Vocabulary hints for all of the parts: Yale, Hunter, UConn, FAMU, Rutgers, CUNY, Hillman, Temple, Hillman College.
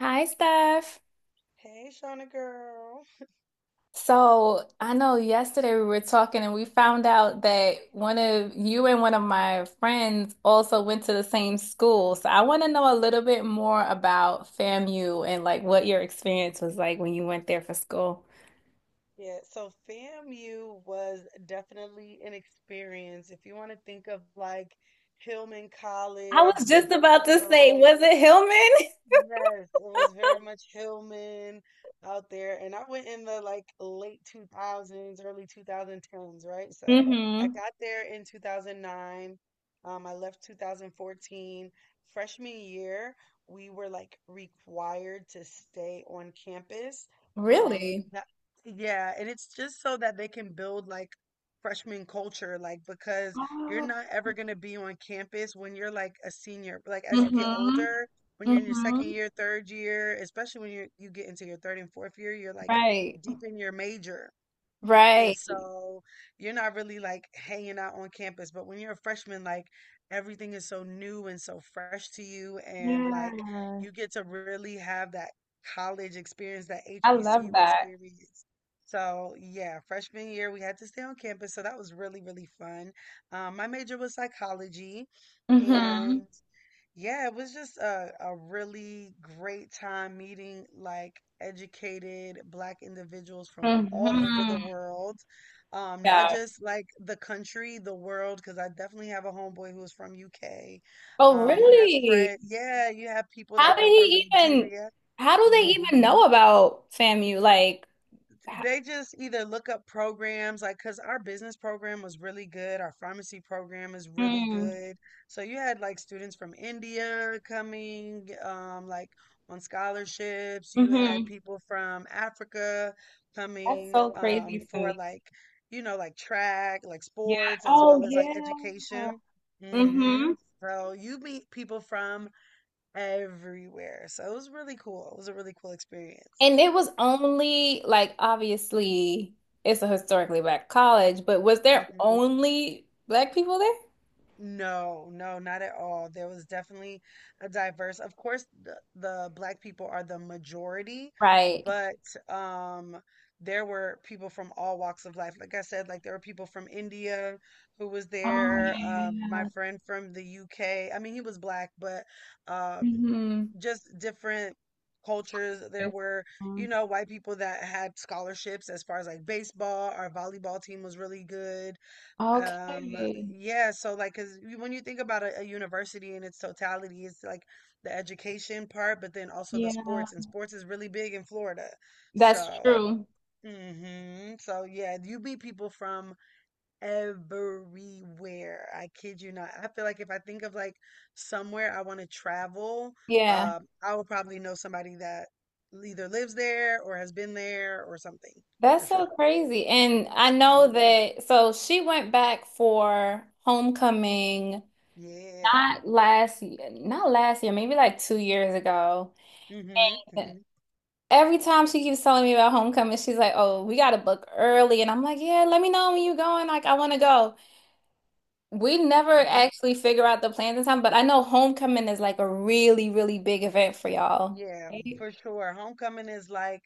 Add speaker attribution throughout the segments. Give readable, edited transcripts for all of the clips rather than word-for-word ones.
Speaker 1: Hi, Steph.
Speaker 2: Hey, Shauna girl.
Speaker 1: So I know yesterday we were talking and we found out that one of you and one of my friends also went to the same school. So I want to know a little bit more about FAMU and like what your experience was like when you went there for school.
Speaker 2: Yeah, so FAMU was definitely an experience. If you want to think of like Hillman
Speaker 1: I
Speaker 2: College,
Speaker 1: was just
Speaker 2: different
Speaker 1: about to say,
Speaker 2: world.
Speaker 1: was it Hillman?
Speaker 2: Yes, it was very much Hillman out there. And I went in the like late 2000s, early 2010s, right? So I
Speaker 1: Mm-hmm.
Speaker 2: got there in 2009. I left 2014. Freshman year, we were like required to stay on campus. Um,
Speaker 1: Really?
Speaker 2: that, yeah, and it's just so that they can build like freshman culture, like because you're
Speaker 1: Oh.
Speaker 2: not ever going to be on campus when you're like a senior. Like as you get
Speaker 1: Mm-hmm.
Speaker 2: older, when you're in your second
Speaker 1: Mm-hmm.
Speaker 2: year, third year, especially when you get into your third and fourth year, you're like
Speaker 1: Right.
Speaker 2: deep in your major. And
Speaker 1: Right.
Speaker 2: so you're not really like hanging out on campus. But when you're a freshman, like everything is so new and so fresh to you. And like
Speaker 1: Yeah.
Speaker 2: you get to really have that college experience, that
Speaker 1: I love
Speaker 2: HBCU
Speaker 1: that.
Speaker 2: experience. So yeah, freshman year we had to stay on campus. So that was really, really fun. My major was psychology.
Speaker 1: Mm-hmm.
Speaker 2: And yeah, it was just a really great time meeting like educated black individuals from all over
Speaker 1: Mm-hmm.
Speaker 2: the world. Not just like the country, the world, because I definitely have a homeboy who's from UK.
Speaker 1: Oh,
Speaker 2: I have
Speaker 1: really?
Speaker 2: friends, yeah, you have people
Speaker 1: How
Speaker 2: that
Speaker 1: did
Speaker 2: come from
Speaker 1: he even,
Speaker 2: Nigeria.
Speaker 1: how do they
Speaker 2: hmm
Speaker 1: even know about FAMU? Like, ho-
Speaker 2: they just either look up programs, like, because our business program was really good. Our pharmacy program is really
Speaker 1: mm,
Speaker 2: good. So you had like students from India coming, like on scholarships. You had
Speaker 1: hmm.
Speaker 2: people from Africa
Speaker 1: That's
Speaker 2: coming,
Speaker 1: so crazy to
Speaker 2: for
Speaker 1: me.
Speaker 2: like, you know, like track, like
Speaker 1: Yeah.
Speaker 2: sports, as
Speaker 1: Oh,
Speaker 2: well as like
Speaker 1: yeah.
Speaker 2: education. hmm
Speaker 1: Mm-hmm.
Speaker 2: So you meet people from everywhere. So it was really cool. It was a really cool experience.
Speaker 1: And it was only like obviously it's a historically black college, but was there
Speaker 2: Mm-hmm.
Speaker 1: only black people there?
Speaker 2: No, no, not at all. There was definitely a diverse. Of course, the black people are the majority,
Speaker 1: Right.
Speaker 2: but um there were people from all walks of life. Like I said, like there were people from India who was
Speaker 1: Oh,
Speaker 2: there, my
Speaker 1: yeah.
Speaker 2: friend from the UK. I mean, he was black, but um
Speaker 1: Mm-hmm.
Speaker 2: just different cultures. There were, you know, white people that had scholarships as far as like baseball. Our volleyball team was really good. Um,
Speaker 1: Okay.
Speaker 2: yeah, so like, 'cause you- when you think about a university in its totality, it's like the education part, but then also the
Speaker 1: Yeah.
Speaker 2: sports, and sports is really big in Florida.
Speaker 1: That's
Speaker 2: So,
Speaker 1: true.
Speaker 2: so yeah, you meet people from everywhere. I kid you not. I feel like if I think of like somewhere I want to travel,
Speaker 1: Yeah.
Speaker 2: I will probably know somebody that either lives there or has been there or something for
Speaker 1: That's so
Speaker 2: sure.
Speaker 1: crazy. And I know
Speaker 2: hmm
Speaker 1: that, so she went back for homecoming
Speaker 2: Yeah.
Speaker 1: not last year, not last year, maybe like 2 years ago.
Speaker 2: hmm
Speaker 1: And
Speaker 2: hmm
Speaker 1: every time she keeps telling me about homecoming, she's like, "Oh, we got to book early." And I'm like, "Yeah, let me know when you're going. Like, I want to go." We never
Speaker 2: hmm
Speaker 1: actually figure out the plans in time, but I know homecoming is like a really, really big event for y'all.
Speaker 2: Yeah,
Speaker 1: Right?
Speaker 2: for sure. Homecoming is like,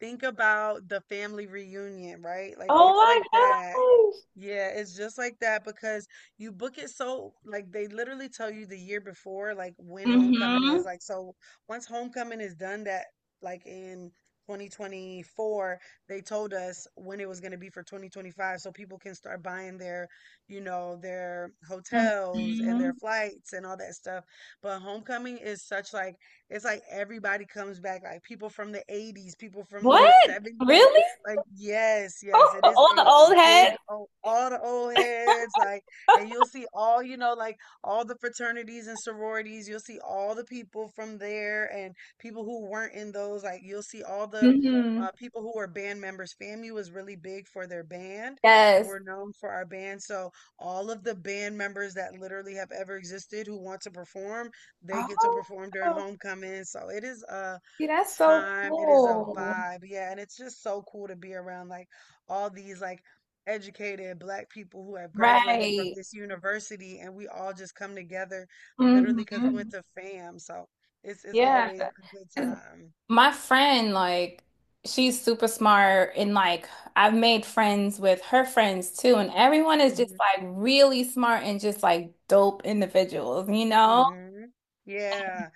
Speaker 2: think about the family reunion, right? Like,
Speaker 1: Oh
Speaker 2: it's like
Speaker 1: my
Speaker 2: that.
Speaker 1: gosh.
Speaker 2: Yeah, it's just like that because you book it so like they literally tell you the year before like when homecoming
Speaker 1: Mm-hmm.
Speaker 2: is. Like so once homecoming is done that like in 2024, they told us when it was going to be for 2025 so people can start buying their, you know, their hotels and
Speaker 1: Mm-hmm.
Speaker 2: their flights and all that stuff. But homecoming is such like it's like everybody comes back like people from the 80s, people from the
Speaker 1: What?
Speaker 2: 70s
Speaker 1: Really?
Speaker 2: like yes, yes, it is
Speaker 1: All the
Speaker 2: a
Speaker 1: old
Speaker 2: big
Speaker 1: heads?
Speaker 2: old, all the old heads, like, and you'll see all, you know, like all the fraternities and sororities. You'll see all the people from there and people who weren't in those. Like, you'll see all the
Speaker 1: Hmm.
Speaker 2: people who were band members. FAMU was really big for their band. Like,
Speaker 1: Yes.
Speaker 2: we're known for our band. So, all of the band members that literally have ever existed who want to perform, they get to perform during
Speaker 1: Oh,
Speaker 2: homecoming. So, it is a
Speaker 1: see, that's so
Speaker 2: time. It is a
Speaker 1: cool.
Speaker 2: vibe. Yeah. And it's just so cool to be around like all these like educated black people who have graduated from
Speaker 1: Right.
Speaker 2: this university and we all just come together literally because we went
Speaker 1: Hmm.
Speaker 2: to fam so it's
Speaker 1: Yeah.
Speaker 2: always a good
Speaker 1: 'Cause
Speaker 2: time.
Speaker 1: my friend, like, she's super smart, and like, I've made friends with her friends too, and everyone is just
Speaker 2: hmm
Speaker 1: like really smart and just like dope individuals, you know?
Speaker 2: hmm yeah.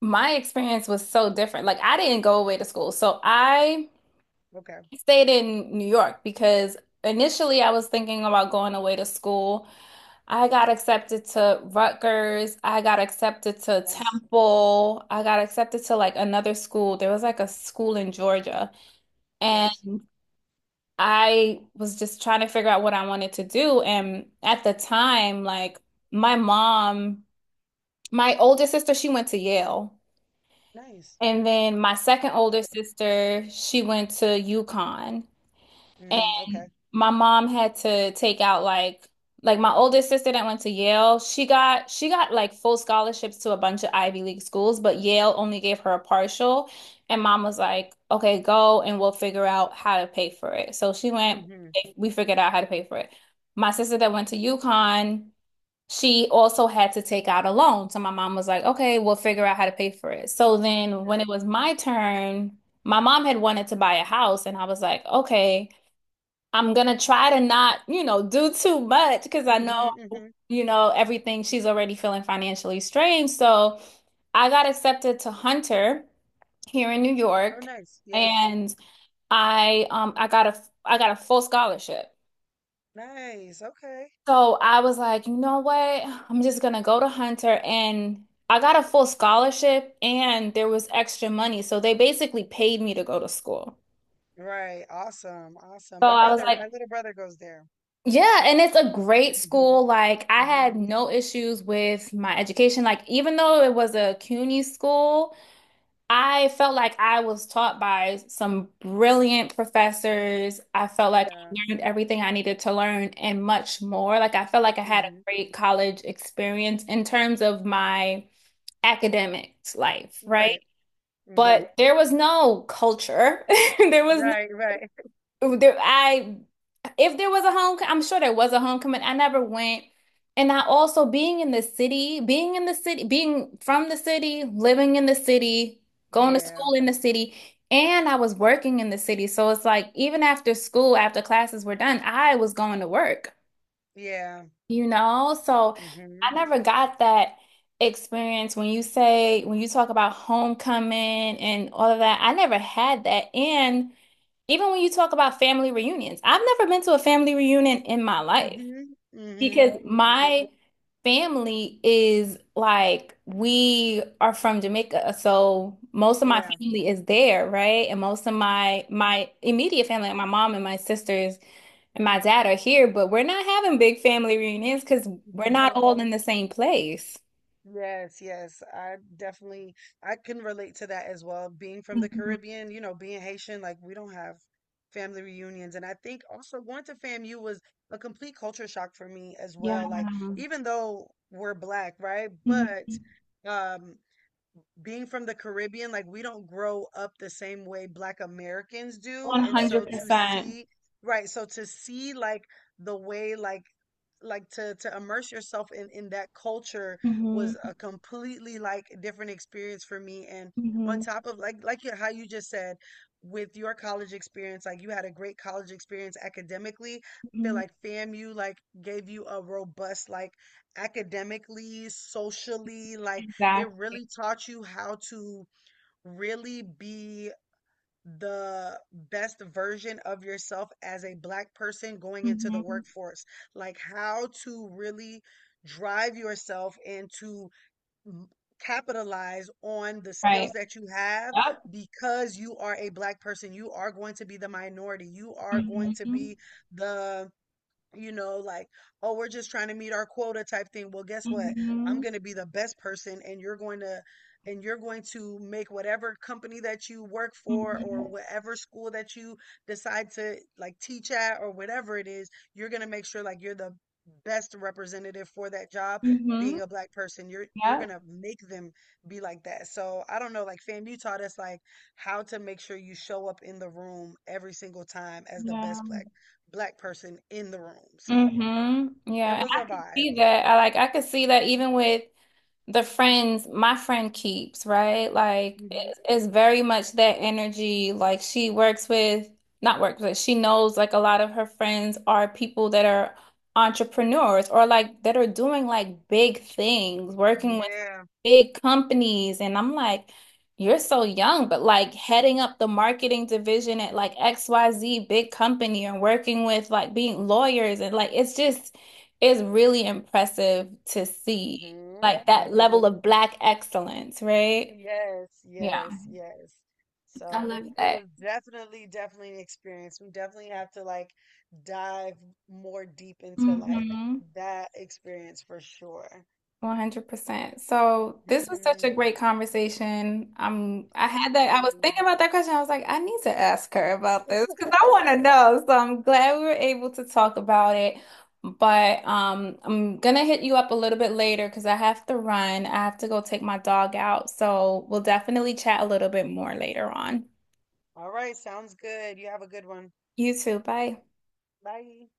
Speaker 1: My experience was so different. Like, I didn't go away to school, so I
Speaker 2: Okay.
Speaker 1: stayed in New York because initially I was thinking about going away to school. I got accepted to Rutgers. I got accepted to
Speaker 2: Nice.
Speaker 1: Temple. I got accepted to like another school. There was like a school in Georgia. And
Speaker 2: Yes.
Speaker 1: I was just trying to figure out what I wanted to do. And at the time, like my mom, my older sister, she went to Yale.
Speaker 2: Nice.
Speaker 1: And then my second older
Speaker 2: Awesome.
Speaker 1: sister, she went to UConn. And
Speaker 2: Okay.
Speaker 1: my mom had to take out like my oldest sister that went to Yale, she got like full scholarships to a bunch of Ivy League schools, but Yale only gave her a partial. And mom was like, "Okay, go and we'll figure out how to pay for it." So she went,
Speaker 2: hmm
Speaker 1: we figured out how to pay for it. My sister that went to UConn, she also had to take out a loan. So my mom was like, "Okay, we'll figure out how to pay for it." So then
Speaker 2: yeah.
Speaker 1: when it was my turn, my mom had wanted to buy a house and I was like, "Okay, I'm gonna try to not do too much because I
Speaker 2: hmm
Speaker 1: know
Speaker 2: hmm
Speaker 1: everything she's already feeling financially strained." So I got accepted to Hunter here in New
Speaker 2: oh,
Speaker 1: York,
Speaker 2: nice. Yeah.
Speaker 1: and I got a full scholarship.
Speaker 2: Nice. Okay.
Speaker 1: So I was like, you know what? I'm just gonna go to Hunter and I got a full scholarship and there was extra money. So they basically paid me to go to school.
Speaker 2: Right. Awesome, awesome.
Speaker 1: So
Speaker 2: My
Speaker 1: I was
Speaker 2: brother,
Speaker 1: like,
Speaker 2: my little brother goes there.
Speaker 1: yeah, and it's a great
Speaker 2: hmm
Speaker 1: school. Like I
Speaker 2: hmm
Speaker 1: had no issues with my education. Like even though it was a CUNY school, I felt like I was taught by some brilliant professors. I felt like
Speaker 2: yeah.
Speaker 1: I learned everything I needed to learn and much more. Like I felt like I had a
Speaker 2: hmm
Speaker 1: great college experience in terms of my academics life, right? Right.
Speaker 2: right. hmm
Speaker 1: But there was no culture. There was
Speaker 2: Right, right.
Speaker 1: there, I if there was a home, I'm sure there was a homecoming. I never went. And I also being in the city, being in the city, being from the city, living in the city, going to
Speaker 2: Yeah.
Speaker 1: school in the city, and I was working in the city. So it's like even after school, after classes were done, I was going to work,
Speaker 2: Yeah.
Speaker 1: you know? So
Speaker 2: Mhm.
Speaker 1: I never got that experience. When you talk about homecoming and all of that, I never had that. And even when you talk about family reunions, I've never been to a family reunion in my life
Speaker 2: Mhm.
Speaker 1: because
Speaker 2: Mhm. Mhm.
Speaker 1: my family is like, we are from Jamaica. So most of my
Speaker 2: Yeah.
Speaker 1: family is there, right? And most of my immediate family, like my mom and my sisters and my dad are here, but we're not having big family reunions because we're not
Speaker 2: Yeah.
Speaker 1: all in the same place.
Speaker 2: Yes, yes. I definitely I can relate to that as well. Being from the
Speaker 1: Mhm.
Speaker 2: Caribbean, you know, being Haitian, like we don't have family reunions. And I think also going to FAMU was a complete culture shock for me as
Speaker 1: Yeah.
Speaker 2: well. Like even though we're black, right? But
Speaker 1: Mhm.
Speaker 2: um being from the Caribbean, like we don't grow up the same way Black Americans do. And
Speaker 1: 100%.
Speaker 2: so to
Speaker 1: percent
Speaker 2: see, right, so to see like the way like to immerse yourself in that culture
Speaker 1: Hmm.
Speaker 2: was a completely like different experience for me. And on
Speaker 1: Hmm.
Speaker 2: top of like you- how you just said with your college experience, like you had a great college experience academically. I feel like FAMU like gave you a robust like academically, socially, like it
Speaker 1: Exactly.
Speaker 2: really taught you how to really be the best version of yourself as a black person going into the
Speaker 1: Mhm.
Speaker 2: workforce. Like how to really drive yourself and to m- capitalize on the
Speaker 1: Right.
Speaker 2: skills that you have
Speaker 1: Yep.
Speaker 2: because you are a black person. You are going to be the minority. You are going to
Speaker 1: Mhm.
Speaker 2: be the you know, like, oh, we're just trying to meet our quota type thing. Well, guess what? I'm
Speaker 1: Mhm.
Speaker 2: going to be the best person and you're going to make whatever company that you work for or
Speaker 1: Mhm.
Speaker 2: whatever school that you decide to like teach at or whatever it is, you're going to make sure like you're the best representative for that job
Speaker 1: Mhm.
Speaker 2: being a black person. You're
Speaker 1: Yep.
Speaker 2: going to make them be like that. So, I don't know, like fam, you taught us like how to make sure you show up in the room every single time as the
Speaker 1: Yeah.
Speaker 2: best black person in the room. So
Speaker 1: Mhm.
Speaker 2: it
Speaker 1: Yeah. And
Speaker 2: was a
Speaker 1: I can
Speaker 2: vibe.
Speaker 1: see that. I could see that even with the friends my friend keeps, right? Like
Speaker 2: hmm
Speaker 1: it's very much that energy. Like she works with, not works with, she knows like a lot of her friends are people that are entrepreneurs or like that are doing like big things, working with
Speaker 2: Yeah.
Speaker 1: big companies. And I'm like, you're so young, but like heading up the marketing division at like XYZ big company and working with like being lawyers and like it's really impressive to see
Speaker 2: hmm
Speaker 1: like that level
Speaker 2: hmm
Speaker 1: of black excellence, right?
Speaker 2: Yes,
Speaker 1: Yeah,
Speaker 2: yes, yes.
Speaker 1: I
Speaker 2: So
Speaker 1: love
Speaker 2: it
Speaker 1: that.
Speaker 2: was definitely, definitely an experience. We definitely have to like dive more deep into like
Speaker 1: Hmm.
Speaker 2: that experience for sure.
Speaker 1: 100%. So this was such a
Speaker 2: hmm
Speaker 1: great conversation. I was thinking
Speaker 2: Absolutely.
Speaker 1: about that question. I was like, I need to ask her about this because I want to know. So I'm glad we were able to talk about it. But I'm gonna hit you up a little bit later because I have to run. I have to go take my dog out. So we'll definitely chat a little bit more later on.
Speaker 2: All right, sounds good. You have a good one.
Speaker 1: You too. Bye.
Speaker 2: Bye.